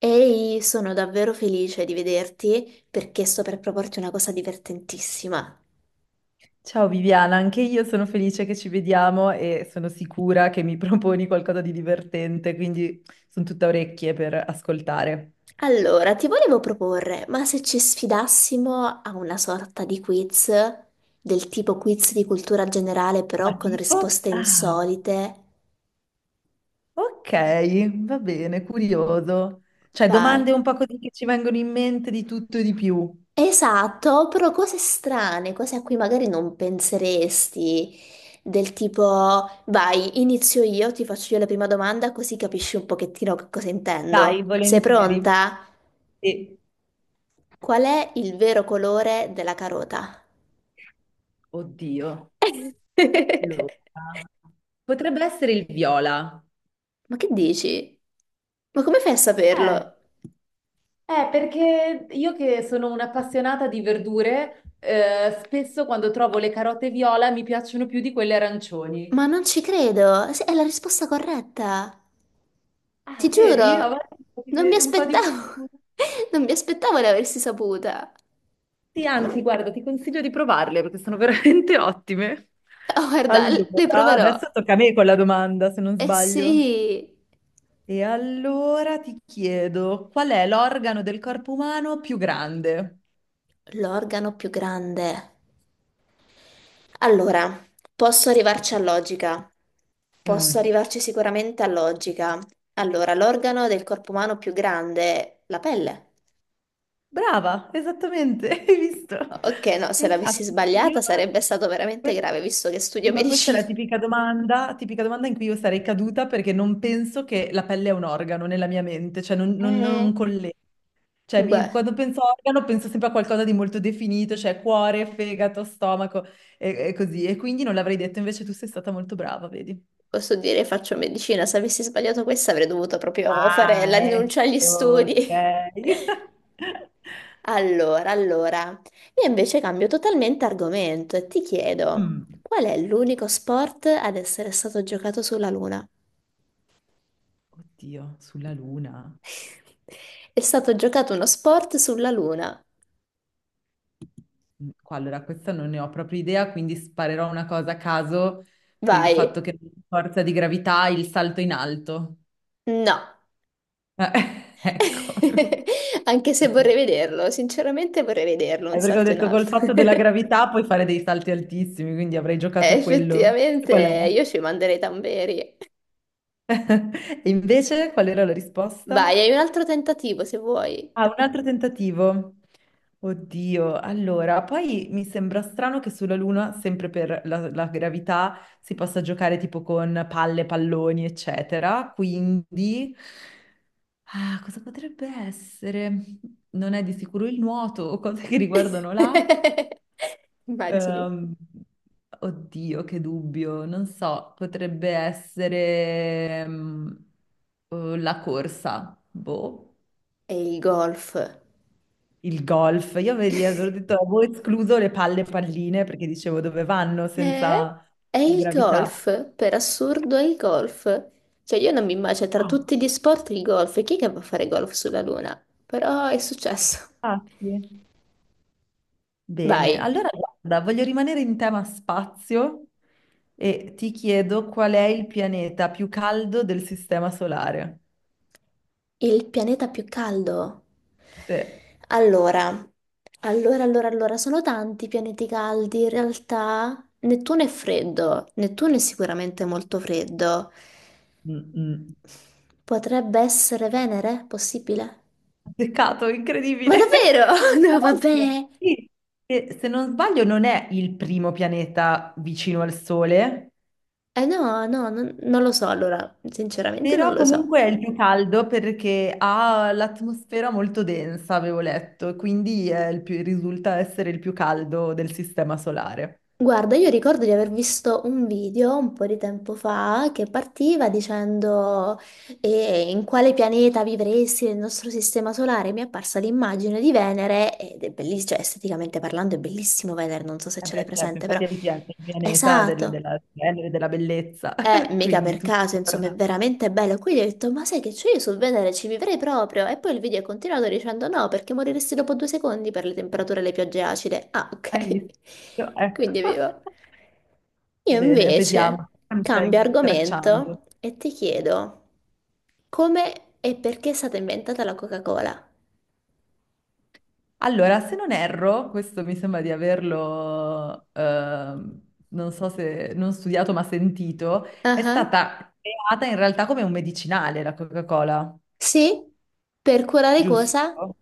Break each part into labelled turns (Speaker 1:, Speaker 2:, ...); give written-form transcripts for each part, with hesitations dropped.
Speaker 1: Ehi, sono davvero felice di vederti perché sto per proporti una cosa divertentissima.
Speaker 2: Ciao Viviana, anche io sono felice che ci vediamo e sono sicura che mi proponi qualcosa di divertente, quindi sono tutta orecchie per ascoltare.
Speaker 1: Allora, ti volevo proporre, ma se ci sfidassimo a una sorta di quiz, del tipo quiz di cultura generale, però
Speaker 2: Ma
Speaker 1: con
Speaker 2: tipo?
Speaker 1: risposte
Speaker 2: Ah,
Speaker 1: insolite?
Speaker 2: ok, va bene, curioso. Cioè,
Speaker 1: Vai.
Speaker 2: domande un po' così che ci vengono in mente di tutto e di più.
Speaker 1: Esatto, però cose strane, cose a cui magari non penseresti, del tipo, vai, inizio io, ti faccio io la prima domanda così capisci un pochettino che cosa
Speaker 2: Dai,
Speaker 1: intendo. Sei
Speaker 2: volentieri.
Speaker 1: pronta?
Speaker 2: E,
Speaker 1: Qual è il vero colore della carota?
Speaker 2: oddio, allora, potrebbe essere il viola.
Speaker 1: Ma che dici? Ma come fai a
Speaker 2: Eh.
Speaker 1: saperlo?
Speaker 2: Perché io che sono un'appassionata di verdure, spesso quando trovo le carote viola mi piacciono più di quelle arancioni.
Speaker 1: Ma non ci credo, sì, è la risposta corretta. Ti
Speaker 2: Ah, vedi? Avrei
Speaker 1: giuro, non mi
Speaker 2: un po' di
Speaker 1: aspettavo,
Speaker 2: fortuna.
Speaker 1: non mi aspettavo di aversi saputa.
Speaker 2: Sì, anzi, guarda, ti consiglio di provarle perché sono veramente ottime.
Speaker 1: Oh, guarda, le
Speaker 2: Allora,
Speaker 1: proverò.
Speaker 2: adesso tocca a me con la domanda, se non
Speaker 1: Eh
Speaker 2: sbaglio.
Speaker 1: sì,
Speaker 2: E allora ti chiedo, qual è l'organo del corpo umano più grande?
Speaker 1: l'organo più grande. Allora, posso arrivarci a logica, posso
Speaker 2: Mm.
Speaker 1: arrivarci sicuramente a logica. Allora, l'organo del corpo umano più grande è la pelle.
Speaker 2: Brava, esattamente, hai visto?
Speaker 1: Ok, no, se l'avessi
Speaker 2: Infatti,
Speaker 1: sbagliata
Speaker 2: io...
Speaker 1: sarebbe stato veramente grave, visto che studio
Speaker 2: Sì, ma questa è la
Speaker 1: medicina.
Speaker 2: tipica domanda in cui io sarei caduta perché non penso che la pelle è un organo nella mia mente, cioè non, non,
Speaker 1: Eh,
Speaker 2: non colle- Cioè, mi-
Speaker 1: beh,
Speaker 2: quando penso a organo penso sempre a qualcosa di molto definito, cioè cuore, fegato, stomaco e così. E quindi non l'avrei detto, invece tu sei stata molto brava, vedi?
Speaker 1: posso dire faccio medicina, se avessi sbagliato questa avrei dovuto proprio fare
Speaker 2: Ah,
Speaker 1: la rinuncia agli
Speaker 2: ecco,
Speaker 1: studi.
Speaker 2: ok.
Speaker 1: Allora, io invece cambio totalmente argomento e ti chiedo,
Speaker 2: Mm.
Speaker 1: qual è l'unico sport ad essere stato giocato sulla Luna?
Speaker 2: Oddio, sulla luna.
Speaker 1: È stato giocato uno sport sulla Luna.
Speaker 2: Qua, allora, questa non ne ho proprio idea, quindi sparerò una cosa a caso per il
Speaker 1: Vai.
Speaker 2: fatto che non forza di gravità il salto in alto.
Speaker 1: No.
Speaker 2: Eh, ecco.
Speaker 1: Anche se vorrei vederlo, sinceramente vorrei vederlo, un
Speaker 2: È perché ho
Speaker 1: salto in
Speaker 2: detto col
Speaker 1: alto.
Speaker 2: fatto della gravità puoi fare dei salti altissimi, quindi avrei giocato a quello.
Speaker 1: Effettivamente
Speaker 2: Qual è?
Speaker 1: io ci manderei i tamberi.
Speaker 2: E invece qual era la
Speaker 1: Vai,
Speaker 2: risposta?
Speaker 1: hai un altro tentativo se vuoi.
Speaker 2: Ah, un altro tentativo. Oddio, allora, poi mi sembra strano che sulla Luna, sempre per la gravità, si possa giocare tipo con palle, palloni, eccetera. Quindi, ah, cosa potrebbe essere? Non è di sicuro il nuoto o cose che riguardano l'acqua.
Speaker 1: Immagini.
Speaker 2: Ehm, oddio, che dubbio, non so, potrebbe essere la corsa, boh.
Speaker 1: E il golf.
Speaker 2: Il golf, io vedi, avevo detto, avevo escluso le palle e palline perché dicevo dove vanno
Speaker 1: È,
Speaker 2: senza
Speaker 1: è
Speaker 2: la
Speaker 1: il
Speaker 2: gravità.
Speaker 1: golf, per assurdo è il golf. Cioè io non mi immagino tra
Speaker 2: Ah,
Speaker 1: tutti gli sport il golf, chi è che va a fare golf sulla Luna? Però è successo.
Speaker 2: ah, sì. Bene,
Speaker 1: Vai,
Speaker 2: allora guarda, voglio rimanere in tema spazio e ti chiedo qual è il pianeta più caldo del sistema solare.
Speaker 1: il pianeta più caldo.
Speaker 2: Sì.
Speaker 1: Allora, allora, sono tanti i pianeti caldi, in realtà Nettuno è freddo, Nettuno è sicuramente molto freddo.
Speaker 2: Mm, mm.
Speaker 1: Potrebbe essere Venere? Possibile?
Speaker 2: Peccato,
Speaker 1: Ma
Speaker 2: incredibile.
Speaker 1: davvero?
Speaker 2: Tra
Speaker 1: No,
Speaker 2: l'altro,
Speaker 1: vabbè.
Speaker 2: sì, e se non sbaglio non è il primo pianeta vicino al Sole.
Speaker 1: Eh no, no, non lo so, allora, sinceramente non
Speaker 2: Però
Speaker 1: lo so.
Speaker 2: comunque è il più caldo perché ha l'atmosfera molto densa, avevo letto, e quindi è il più- risulta essere il più caldo del sistema solare.
Speaker 1: Guarda, io ricordo di aver visto un video un po' di tempo fa che partiva dicendo in quale pianeta vivresti nel nostro sistema solare. Mi è apparsa l'immagine di Venere ed è bellissimo, cioè esteticamente parlando è bellissimo Venere, non so se
Speaker 2: Eh
Speaker 1: ce l'hai
Speaker 2: beh, certo,
Speaker 1: presente, però...
Speaker 2: infatti è il, pia- il pianeta del-
Speaker 1: Esatto,
Speaker 2: della splendere, della bellezza,
Speaker 1: eh, mica
Speaker 2: quindi
Speaker 1: per
Speaker 2: tutto
Speaker 1: caso, insomma, è
Speaker 2: torna.
Speaker 1: veramente bello. Quindi ho detto, ma sai che c'è io sul Venere, ci vivrei proprio. E poi il video è continuato dicendo no, perché moriresti dopo 2 secondi per le temperature e le piogge acide. Ah,
Speaker 2: Hai
Speaker 1: ok.
Speaker 2: visto? Ecco.
Speaker 1: Quindi vivo. Io
Speaker 2: Bene, vediamo.
Speaker 1: invece
Speaker 2: Mi
Speaker 1: cambio
Speaker 2: stai stracciando.
Speaker 1: argomento e ti chiedo come e perché è stata inventata la Coca-Cola?
Speaker 2: Allora, se non erro, questo mi sembra di averlo, non so se non studiato ma sentito,
Speaker 1: Ah,
Speaker 2: è
Speaker 1: ah.
Speaker 2: stata creata in realtà come un medicinale la Coca-Cola,
Speaker 1: Sì? Per curare cosa?
Speaker 2: giusto?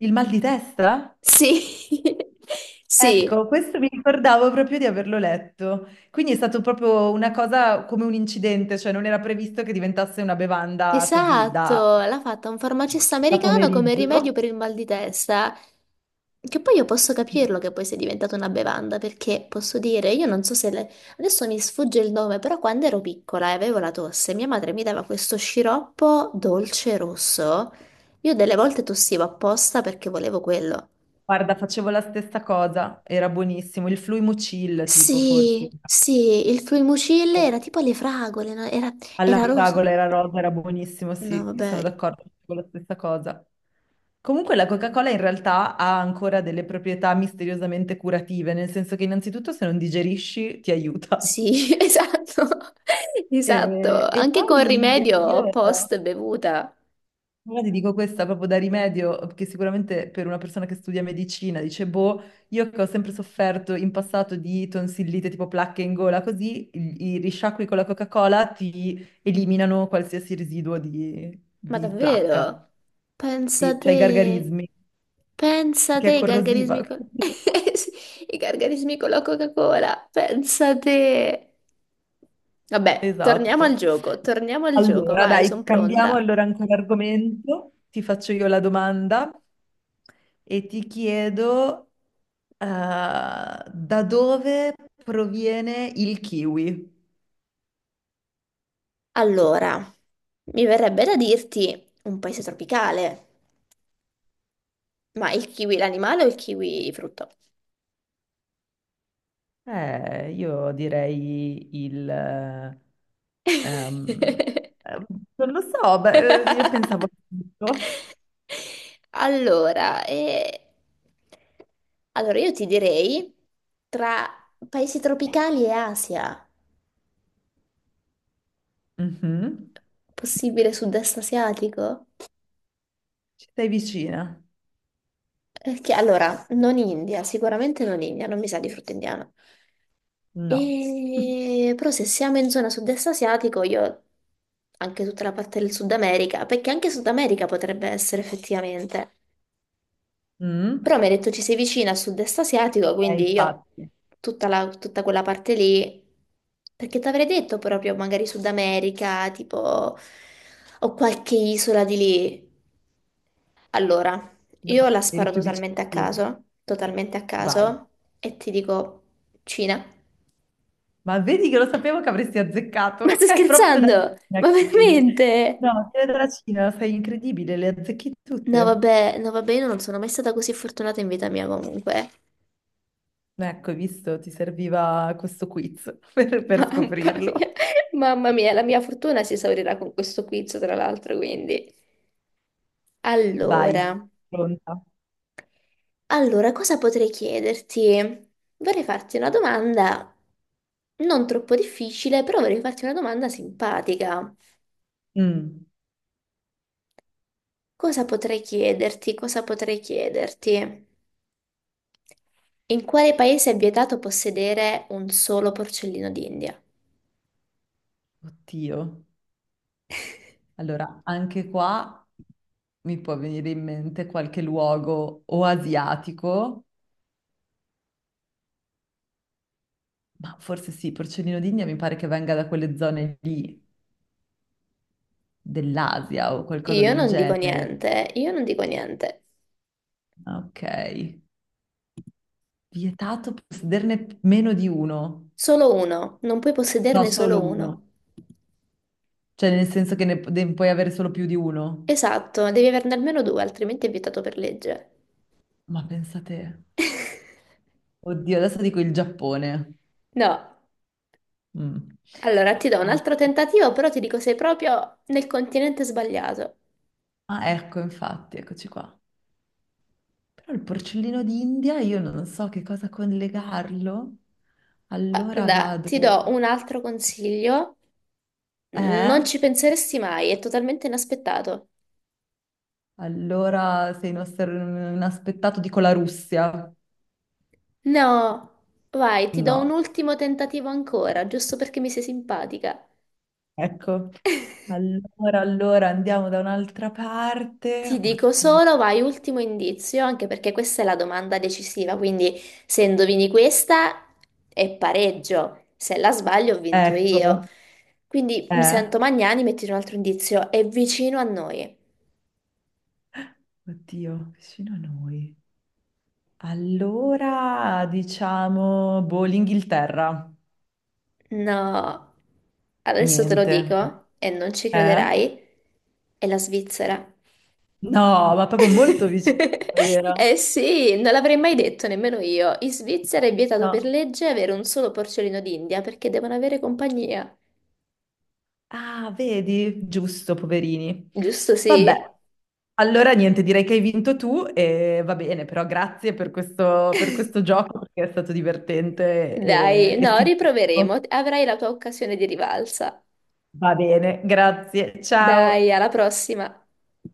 Speaker 2: Il mal di testa?
Speaker 1: Sì. Sì.
Speaker 2: Ecco, questo mi ricordavo proprio di averlo letto. Quindi è stato proprio una cosa come un incidente, cioè non era previsto che diventasse una bevanda così
Speaker 1: Esatto,
Speaker 2: da,
Speaker 1: l'ha fatta un farmacista
Speaker 2: da
Speaker 1: americano come rimedio
Speaker 2: pomeriggio.
Speaker 1: per il mal di testa. Che poi io posso
Speaker 2: Sì.
Speaker 1: capirlo che poi sia diventata una bevanda, perché posso dire, io non so se adesso mi sfugge il nome, però quando ero piccola e avevo la tosse, mia madre mi dava questo sciroppo dolce rosso. Io delle volte tossivo apposta perché volevo quello.
Speaker 2: Guarda, facevo la stessa cosa, era buonissimo. Il Fluimucil, tipo,
Speaker 1: Sì,
Speaker 2: forse.
Speaker 1: sì, il Fluimucil era tipo alle fragole, no? Era,
Speaker 2: Alla
Speaker 1: era rosa.
Speaker 2: fragola era rosa, era buonissimo,
Speaker 1: No,
Speaker 2: sì,
Speaker 1: vabbè,
Speaker 2: sono d'accordo con la stessa cosa. Comunque la Coca-Cola in realtà ha ancora delle proprietà misteriosamente curative, nel senso che innanzitutto se non digerisci ti aiuta.
Speaker 1: sì, esatto,
Speaker 2: E,
Speaker 1: esatto,
Speaker 2: e
Speaker 1: anche con
Speaker 2: poi io
Speaker 1: rimedio post bevuta.
Speaker 2: ora ti dico questa proprio da rimedio, perché sicuramente per una persona che studia medicina dice, boh, io che ho sempre sofferto in passato di tonsillite tipo placche in gola, così i risciacqui con la Coca-Cola ti eliminano qualsiasi residuo
Speaker 1: Ma
Speaker 2: di placca.
Speaker 1: davvero? Pensa
Speaker 2: Sì, cioè i
Speaker 1: te,
Speaker 2: gargarismi,
Speaker 1: pensa
Speaker 2: perché
Speaker 1: te
Speaker 2: è
Speaker 1: i
Speaker 2: corrosiva.
Speaker 1: gargarismi con... i gargarismi con la Coca-Cola, pensa te. Vabbè,
Speaker 2: Esatto.
Speaker 1: torniamo al gioco,
Speaker 2: Allora,
Speaker 1: vai, sono
Speaker 2: dai, cambiamo
Speaker 1: pronta.
Speaker 2: allora ancora argomento. Ti faccio io la domanda e ti chiedo, da dove proviene il kiwi?
Speaker 1: Allora, mi verrebbe da dirti un paese tropicale, ma il kiwi l'animale o il kiwi frutto?
Speaker 2: Io direi il... ehm, eh, non lo so, beh, io pensavo... a tutto.
Speaker 1: Allora, allora, io ti direi tra paesi tropicali e Asia,
Speaker 2: Mhm.
Speaker 1: possibile sud-est asiatico?
Speaker 2: Ci sei vicina?
Speaker 1: Perché allora, non India, sicuramente non India, non mi sa di frutto indiano.
Speaker 2: No.
Speaker 1: Però se siamo in zona sud-est asiatico, io anche tutta la parte del Sud America, perché anche Sud America potrebbe essere effettivamente. Però
Speaker 2: Mm?
Speaker 1: mi ha detto ci sei vicina al sud-est asiatico, quindi io
Speaker 2: Infatti,
Speaker 1: tutta, tutta quella parte lì, perché ti avrei detto proprio magari Sud America, tipo, o qualche isola di lì. Allora,
Speaker 2: no,
Speaker 1: io la
Speaker 2: eri
Speaker 1: sparo
Speaker 2: più vicino.
Speaker 1: totalmente a
Speaker 2: Vai.
Speaker 1: caso, e ti dico Cina.
Speaker 2: Ma vedi che lo sapevo che avresti
Speaker 1: Ma
Speaker 2: azzeccato?
Speaker 1: sto
Speaker 2: È proprio dalla
Speaker 1: scherzando?
Speaker 2: Cina
Speaker 1: Ma
Speaker 2: che viene.
Speaker 1: veramente?
Speaker 2: No, è dalla Cina, sei incredibile, le azzecchi
Speaker 1: No,
Speaker 2: tutte.
Speaker 1: vabbè, no, vabbè, io non sono mai stata così fortunata in vita mia comunque.
Speaker 2: Ecco, hai visto, ti serviva questo quiz per
Speaker 1: Mamma
Speaker 2: scoprirlo.
Speaker 1: mia, mamma mia, la mia fortuna si esaurirà con questo quiz, tra l'altro, quindi.
Speaker 2: Vai,
Speaker 1: Allora,
Speaker 2: pronta.
Speaker 1: allora, cosa potrei chiederti? Vorrei farti una domanda non troppo difficile, però vorrei farti una domanda simpatica.
Speaker 2: Mm,
Speaker 1: Cosa potrei chiederti? Cosa potrei chiederti? In quale paese è vietato possedere un solo porcellino d'India?
Speaker 2: oddio. Allora, anche qua mi può venire in mente qualche luogo o asiatico, ma forse sì, porcellino d'India mi pare che venga da quelle zone lì dell'Asia o qualcosa
Speaker 1: Io
Speaker 2: del
Speaker 1: non dico
Speaker 2: genere.
Speaker 1: niente, io non dico niente.
Speaker 2: Ok. Vietato possederne meno di uno?
Speaker 1: Solo uno, non puoi
Speaker 2: No,
Speaker 1: possederne
Speaker 2: solo
Speaker 1: solo
Speaker 2: uno.
Speaker 1: uno.
Speaker 2: Cioè, nel senso che ne, ne puoi avere solo più di uno?
Speaker 1: Esatto, devi averne almeno due, altrimenti è vietato per legge.
Speaker 2: Ma pensate, oddio, adesso dico il Giappone.
Speaker 1: No,
Speaker 2: Mm.
Speaker 1: allora ti do un
Speaker 2: Al-
Speaker 1: altro tentativo, però ti dico sei proprio nel continente sbagliato.
Speaker 2: Ah, ecco, infatti, eccoci qua. Però il porcellino d'India, io non so che cosa collegarlo.
Speaker 1: Ah,
Speaker 2: Allora
Speaker 1: guarda, ti
Speaker 2: vado...
Speaker 1: do un altro consiglio, non
Speaker 2: Eh?
Speaker 1: ci penseresti mai, è totalmente inaspettato.
Speaker 2: Allora sei inosser- inaspettato, dico la Russia.
Speaker 1: No, vai, ti do un
Speaker 2: No,
Speaker 1: ultimo tentativo ancora, giusto perché mi sei simpatica.
Speaker 2: ecco. Allora, allora andiamo da un'altra
Speaker 1: Ti
Speaker 2: parte.
Speaker 1: dico
Speaker 2: Oddio.
Speaker 1: solo, vai ultimo indizio, anche perché questa è la domanda decisiva, quindi se indovini questa è pareggio, se la sbaglio ho vinto io.
Speaker 2: Ecco,
Speaker 1: Quindi mi
Speaker 2: eh?
Speaker 1: sento Magnani, metti un altro indizio, è vicino a noi.
Speaker 2: Oddio, vicino a noi. Allora, diciamo, boh, l'Inghilterra.
Speaker 1: No, adesso te lo
Speaker 2: Niente.
Speaker 1: dico e non ci
Speaker 2: Eh?
Speaker 1: crederai, è la Svizzera.
Speaker 2: No, ma proprio molto vicino era.
Speaker 1: Eh sì, non l'avrei mai detto nemmeno io. In Svizzera è vietato per
Speaker 2: No.
Speaker 1: legge avere un solo porcellino d'India perché devono avere compagnia.
Speaker 2: Ah, vedi? Giusto, poverini.
Speaker 1: Giusto,
Speaker 2: Vabbè.
Speaker 1: sì.
Speaker 2: Allora, niente, direi che hai vinto tu e va bene, però grazie per questo gioco perché è stato divertente
Speaker 1: Dai,
Speaker 2: e
Speaker 1: no,
Speaker 2: simpatico.
Speaker 1: riproveremo. Avrai la tua occasione di rivalsa.
Speaker 2: Va bene, grazie.
Speaker 1: Dai,
Speaker 2: Ciao.
Speaker 1: alla prossima.